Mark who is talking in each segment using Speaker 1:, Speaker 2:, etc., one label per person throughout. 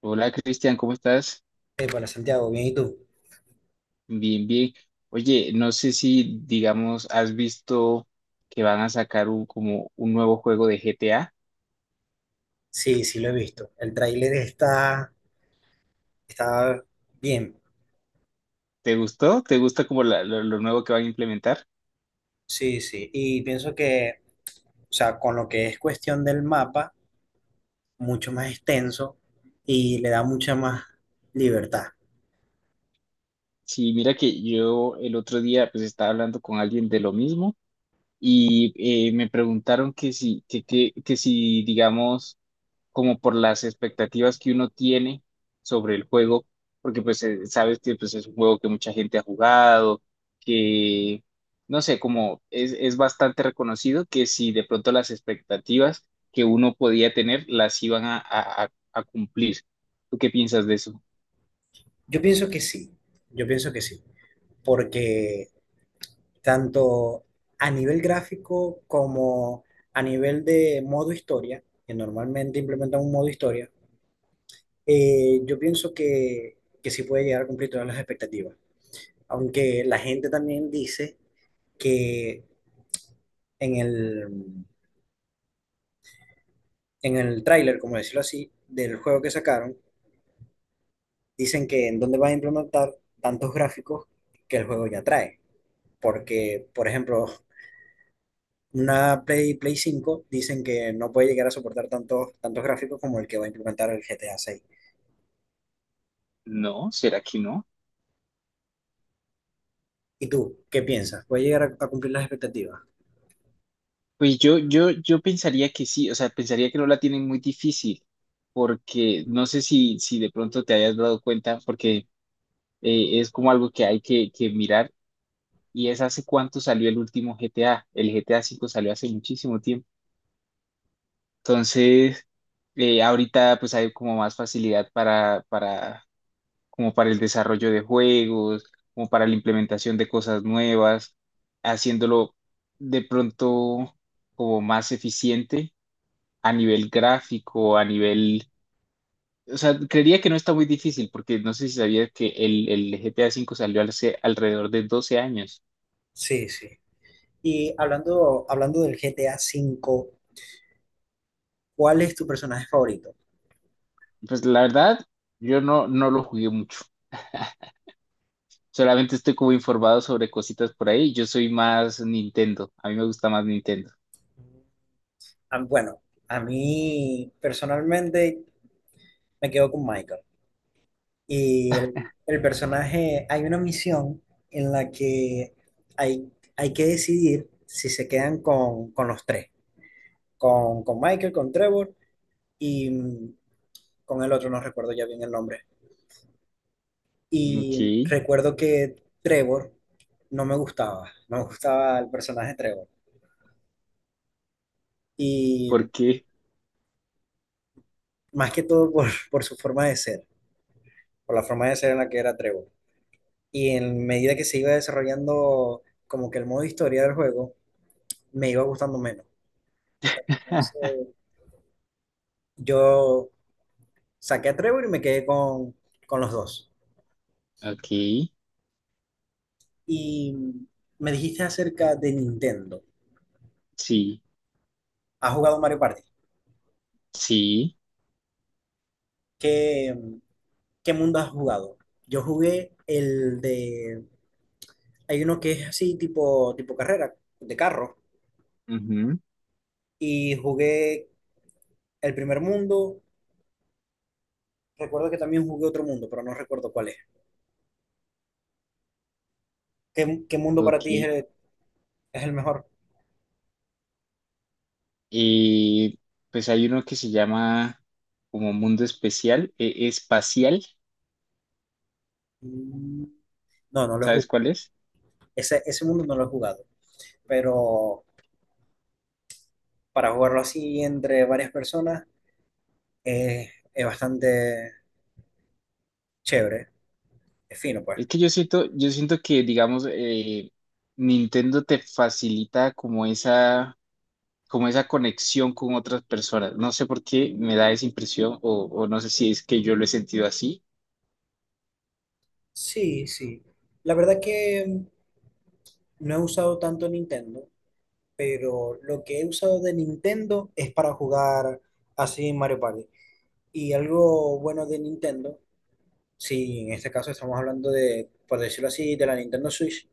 Speaker 1: Hola, Cristian, ¿cómo estás?
Speaker 2: Hola Santiago, bien, ¿y tú?
Speaker 1: Bien, bien. Oye, no sé si, digamos, has visto que van a sacar un, como un nuevo juego de GTA.
Speaker 2: Sí, sí, lo he visto. El tráiler está bien.
Speaker 1: ¿Te gustó? ¿Te gusta como lo nuevo que van a implementar?
Speaker 2: Sí, sí. Y pienso o sea, con lo que es cuestión del mapa, mucho más extenso y le da mucha más libertad.
Speaker 1: Sí, mira que yo el otro día pues estaba hablando con alguien de lo mismo y me preguntaron que si, que si, digamos, como por las expectativas que uno tiene sobre el juego, porque pues sabes que pues, es un juego que mucha gente ha jugado, que no sé, como es bastante reconocido, que si de pronto las expectativas que uno podía tener las iban a cumplir. ¿Tú qué piensas de eso?
Speaker 2: Yo pienso que sí, yo pienso que sí. Porque tanto a nivel gráfico como a nivel de modo historia, que normalmente implementan un modo historia, yo pienso que sí puede llegar a cumplir todas las expectativas. Aunque la gente también dice que en en el tráiler, como decirlo así, del juego que sacaron, dicen que en dónde van a implementar tantos gráficos que el juego ya trae. Porque, por ejemplo, una Play 5 dicen que no puede llegar a soportar tantos gráficos como el que va a implementar el GTA 6.
Speaker 1: No, ¿será que no?
Speaker 2: ¿Y tú qué piensas? ¿Puede llegar a cumplir las expectativas?
Speaker 1: Pues yo pensaría que sí, o sea, pensaría que no la tienen muy difícil, porque no sé si de pronto te hayas dado cuenta, porque es como algo que hay que mirar. Y es hace cuánto salió el último GTA. El GTA V salió hace muchísimo tiempo. Entonces, ahorita pues hay como más facilidad como para el desarrollo de juegos, como para la implementación de cosas nuevas, haciéndolo de pronto como más eficiente a nivel gráfico, a nivel... O sea, creería que no está muy difícil porque no sé si sabías que el GTA V salió hace alrededor de 12 años.
Speaker 2: Sí, sí. Y hablando del GTA 5, ¿cuál es tu personaje favorito?
Speaker 1: Pues la verdad, yo no lo jugué mucho. Solamente estoy como informado sobre cositas por ahí. Yo soy más Nintendo. A mí me gusta más Nintendo.
Speaker 2: Bueno, a mí personalmente me quedo con Michael. Y el personaje, hay una misión en la que hay, hay que decidir si se quedan con los tres, con Michael, con Trevor y con el otro, no recuerdo ya bien el nombre.
Speaker 1: Ok,
Speaker 2: Y recuerdo que Trevor no me gustaba, no me gustaba el personaje Trevor. Y
Speaker 1: ¿por qué?
Speaker 2: más que todo por su forma de ser, por la forma de ser en la que era Trevor. Y en medida que se iba desarrollando como que el modo historia del juego, me iba gustando menos. Entonces, yo saqué a Trevor y me quedé con los dos.
Speaker 1: Ok,
Speaker 2: Y me dijiste acerca de Nintendo.
Speaker 1: sí,
Speaker 2: ¿Has jugado Mario Party?
Speaker 1: sí,
Speaker 2: ¿Qué, qué mundo has jugado? Yo jugué el de... Hay uno que es así, tipo carrera, de carro.
Speaker 1: ujú,
Speaker 2: Y jugué el primer mundo. Recuerdo que también jugué otro mundo, pero no recuerdo cuál es. Qué mundo para ti es
Speaker 1: ok.
Speaker 2: es el mejor?
Speaker 1: Eh, pues hay uno que se llama como Mundo Especial, Espacial,
Speaker 2: Mm, no, no lo he
Speaker 1: ¿sabes
Speaker 2: jugado.
Speaker 1: cuál es?
Speaker 2: Ese mundo no lo he jugado. Pero para jugarlo así entre varias personas es bastante chévere. Es fino, pues.
Speaker 1: Es que yo siento que, digamos, Nintendo te facilita como esa conexión con otras personas. No sé por qué me da esa impresión o no sé si es que yo lo he sentido así.
Speaker 2: Sí, sí. La verdad que no he usado tanto Nintendo, pero lo que he usado de Nintendo es para jugar así Mario Party. Y algo bueno de Nintendo, si en este caso estamos hablando de, por decirlo así, de la Nintendo Switch,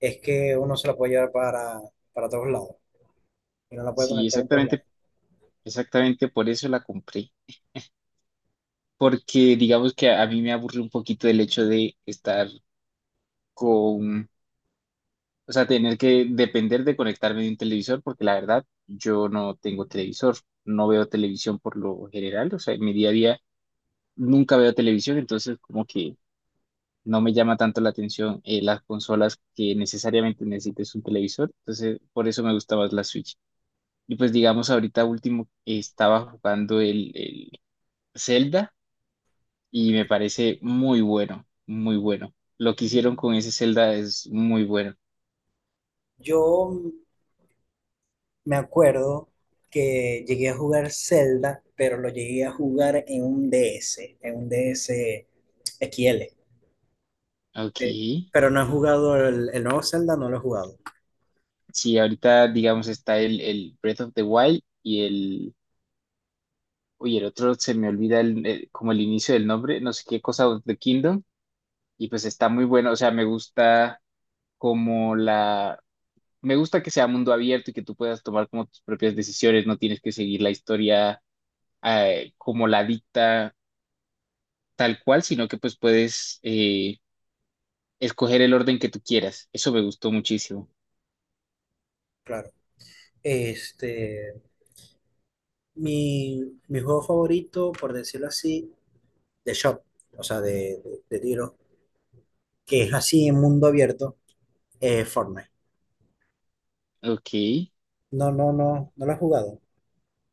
Speaker 2: es que uno se la puede llevar para todos lados. Y no la puede
Speaker 1: Sí,
Speaker 2: conectar en todos lados.
Speaker 1: exactamente, exactamente por eso la compré. Porque digamos que a mí me aburre un poquito el hecho de estar con, o sea, tener que depender de conectarme de un televisor, porque la verdad yo no tengo televisor, no veo televisión por lo general, o sea, en mi día a día nunca veo televisión, entonces como que no me llama tanto la atención, las consolas que necesariamente necesites un televisor, entonces por eso me gusta más la Switch. Y pues digamos, ahorita último, estaba jugando el Zelda y me parece muy bueno, muy bueno. Lo que hicieron con ese Zelda es muy bueno.
Speaker 2: Yo me acuerdo que llegué a jugar Zelda, pero lo llegué a jugar en un DS, en un DS XL.
Speaker 1: Ok.
Speaker 2: eh, Pero no he jugado el nuevo Zelda, no lo he jugado,
Speaker 1: Sí, ahorita digamos está el Breath of the Wild y el... Oye, el otro se me olvida como el inicio del nombre, no sé qué cosa of the Kingdom, y pues está muy bueno, o sea, me gusta como la, me gusta que sea mundo abierto y que tú puedas tomar como tus propias decisiones, no tienes que seguir la historia, como la dicta tal cual, sino que pues puedes, escoger el orden que tú quieras. Eso me gustó muchísimo.
Speaker 2: claro. Este, mi juego favorito, por decirlo así, de shop, o sea, de tiro, que es así en mundo abierto, es Fortnite.
Speaker 1: Ok.
Speaker 2: No, no, no, no lo he jugado.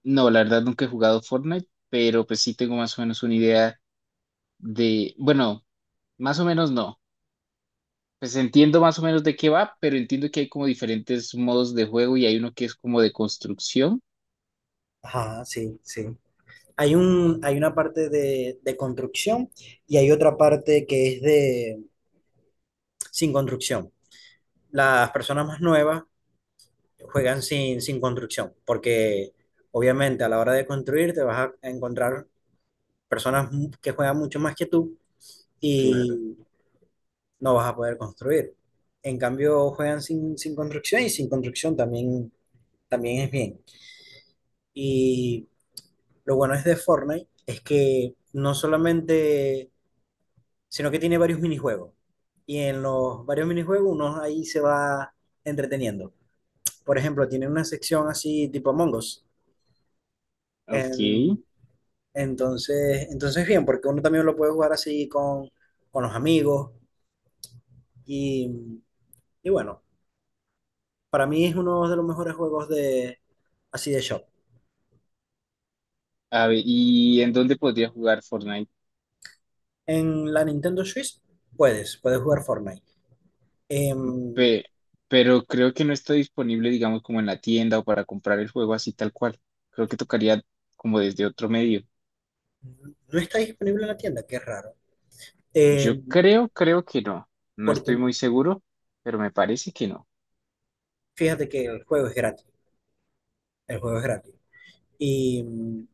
Speaker 1: No, la verdad nunca he jugado Fortnite, pero pues sí tengo más o menos una idea de, bueno, más o menos no. Pues entiendo más o menos de qué va, pero entiendo que hay como diferentes modos de juego y hay uno que es como de construcción.
Speaker 2: Ajá, sí, sí. Hay un, hay una parte de construcción y hay otra parte que es de sin construcción. Las personas más nuevas juegan sin construcción, porque obviamente a la hora de construir te vas a encontrar personas que juegan mucho más que tú
Speaker 1: Claro.
Speaker 2: y no vas a poder construir. En cambio, juegan sin construcción y sin construcción también, también es bien. Y lo bueno es de Fortnite es que no solamente sino que tiene varios minijuegos. Y en los varios minijuegos uno ahí se va entreteniendo. Por ejemplo, tiene una sección así tipo Among Us.
Speaker 1: Ok.
Speaker 2: En- entonces, entonces bien, porque uno también lo puede jugar así con los amigos. Y, y bueno, para mí es uno de los mejores juegos de, así de shop.
Speaker 1: A ver, ¿y en dónde podría jugar Fortnite?
Speaker 2: En la Nintendo Switch puedes jugar Fortnite. Em,
Speaker 1: Pe- pero creo que no está disponible, digamos, como en la tienda o para comprar el juego así tal cual. Creo que tocaría como desde otro medio.
Speaker 2: no está disponible en la tienda, qué raro.
Speaker 1: Yo
Speaker 2: Em,
Speaker 1: creo, creo que no. No estoy
Speaker 2: porque
Speaker 1: muy seguro, pero me parece que no.
Speaker 2: fíjate que el juego es gratis. El juego es gratis. Y mm,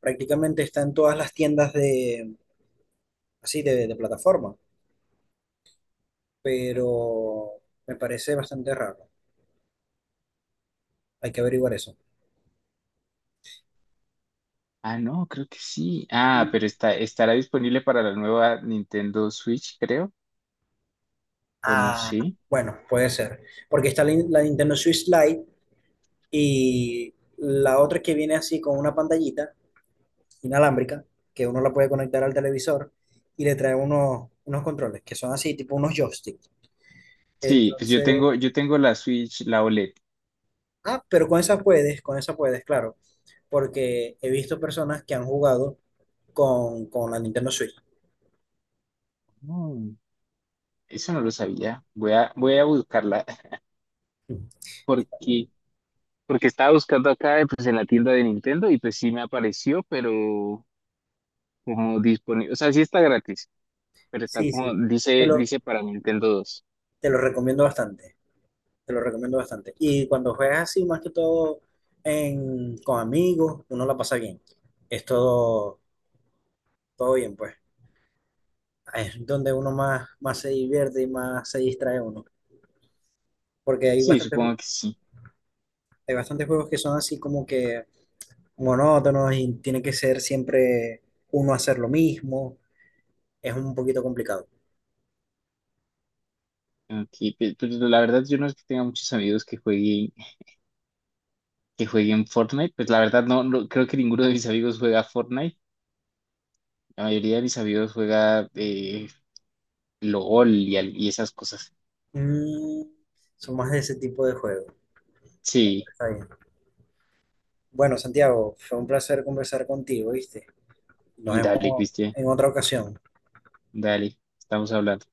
Speaker 2: prácticamente está en todas las tiendas de, así, de plataforma, pero me parece bastante raro. Hay que averiguar eso.
Speaker 1: Ah, no, creo que sí. Ah,
Speaker 2: Y-
Speaker 1: pero está, estará disponible para la nueva Nintendo Switch, creo, o no
Speaker 2: Ah,
Speaker 1: sí.
Speaker 2: bueno, puede ser, porque está la Nintendo Switch Lite y la otra que viene así con una pantallita inalámbrica, que uno la puede conectar al televisor y le trae unos controles, que son así, tipo unos joysticks.
Speaker 1: Sí, pues
Speaker 2: Entonces,
Speaker 1: yo tengo la Switch, la OLED.
Speaker 2: ah, pero con esa puedes, claro, porque he visto personas que han jugado con la Nintendo Switch.
Speaker 1: Mm, eso no lo sabía. Voy a, voy a buscarla porque... Porque estaba buscando acá, pues en la tienda de Nintendo y pues sí me apareció, pero como disponible, o sea, sí está gratis, pero está
Speaker 2: Sí,
Speaker 1: como,
Speaker 2: sí, te
Speaker 1: dice,
Speaker 2: lo,
Speaker 1: dice para Nintendo dos.
Speaker 2: te lo recomiendo bastante, te lo recomiendo bastante. Y cuando juegas así, más que todo en, con amigos, uno la pasa bien. Es todo, todo bien, pues. Es donde uno más, más se divierte y más se distrae uno. Porque hay
Speaker 1: Sí,
Speaker 2: bastantes,
Speaker 1: supongo que sí.
Speaker 2: hay bastantes juegos que son así como que monótonos y tiene que ser siempre uno hacer lo mismo. Es un poquito complicado.
Speaker 1: Aquí, pues, pues, la verdad yo no es que tenga muchos amigos que jueguen Fortnite, pues la verdad no, no- creo que ninguno de mis amigos juega Fortnite, la mayoría de mis amigos juega, LOL y, al- y esas cosas.
Speaker 2: Mm, son más de ese tipo de juegos.
Speaker 1: Sí,
Speaker 2: Está bien. Bueno, Santiago, fue un placer conversar contigo, ¿viste? Nos
Speaker 1: dale,
Speaker 2: vemos
Speaker 1: Cristian,
Speaker 2: en otra ocasión.
Speaker 1: dale, estamos hablando.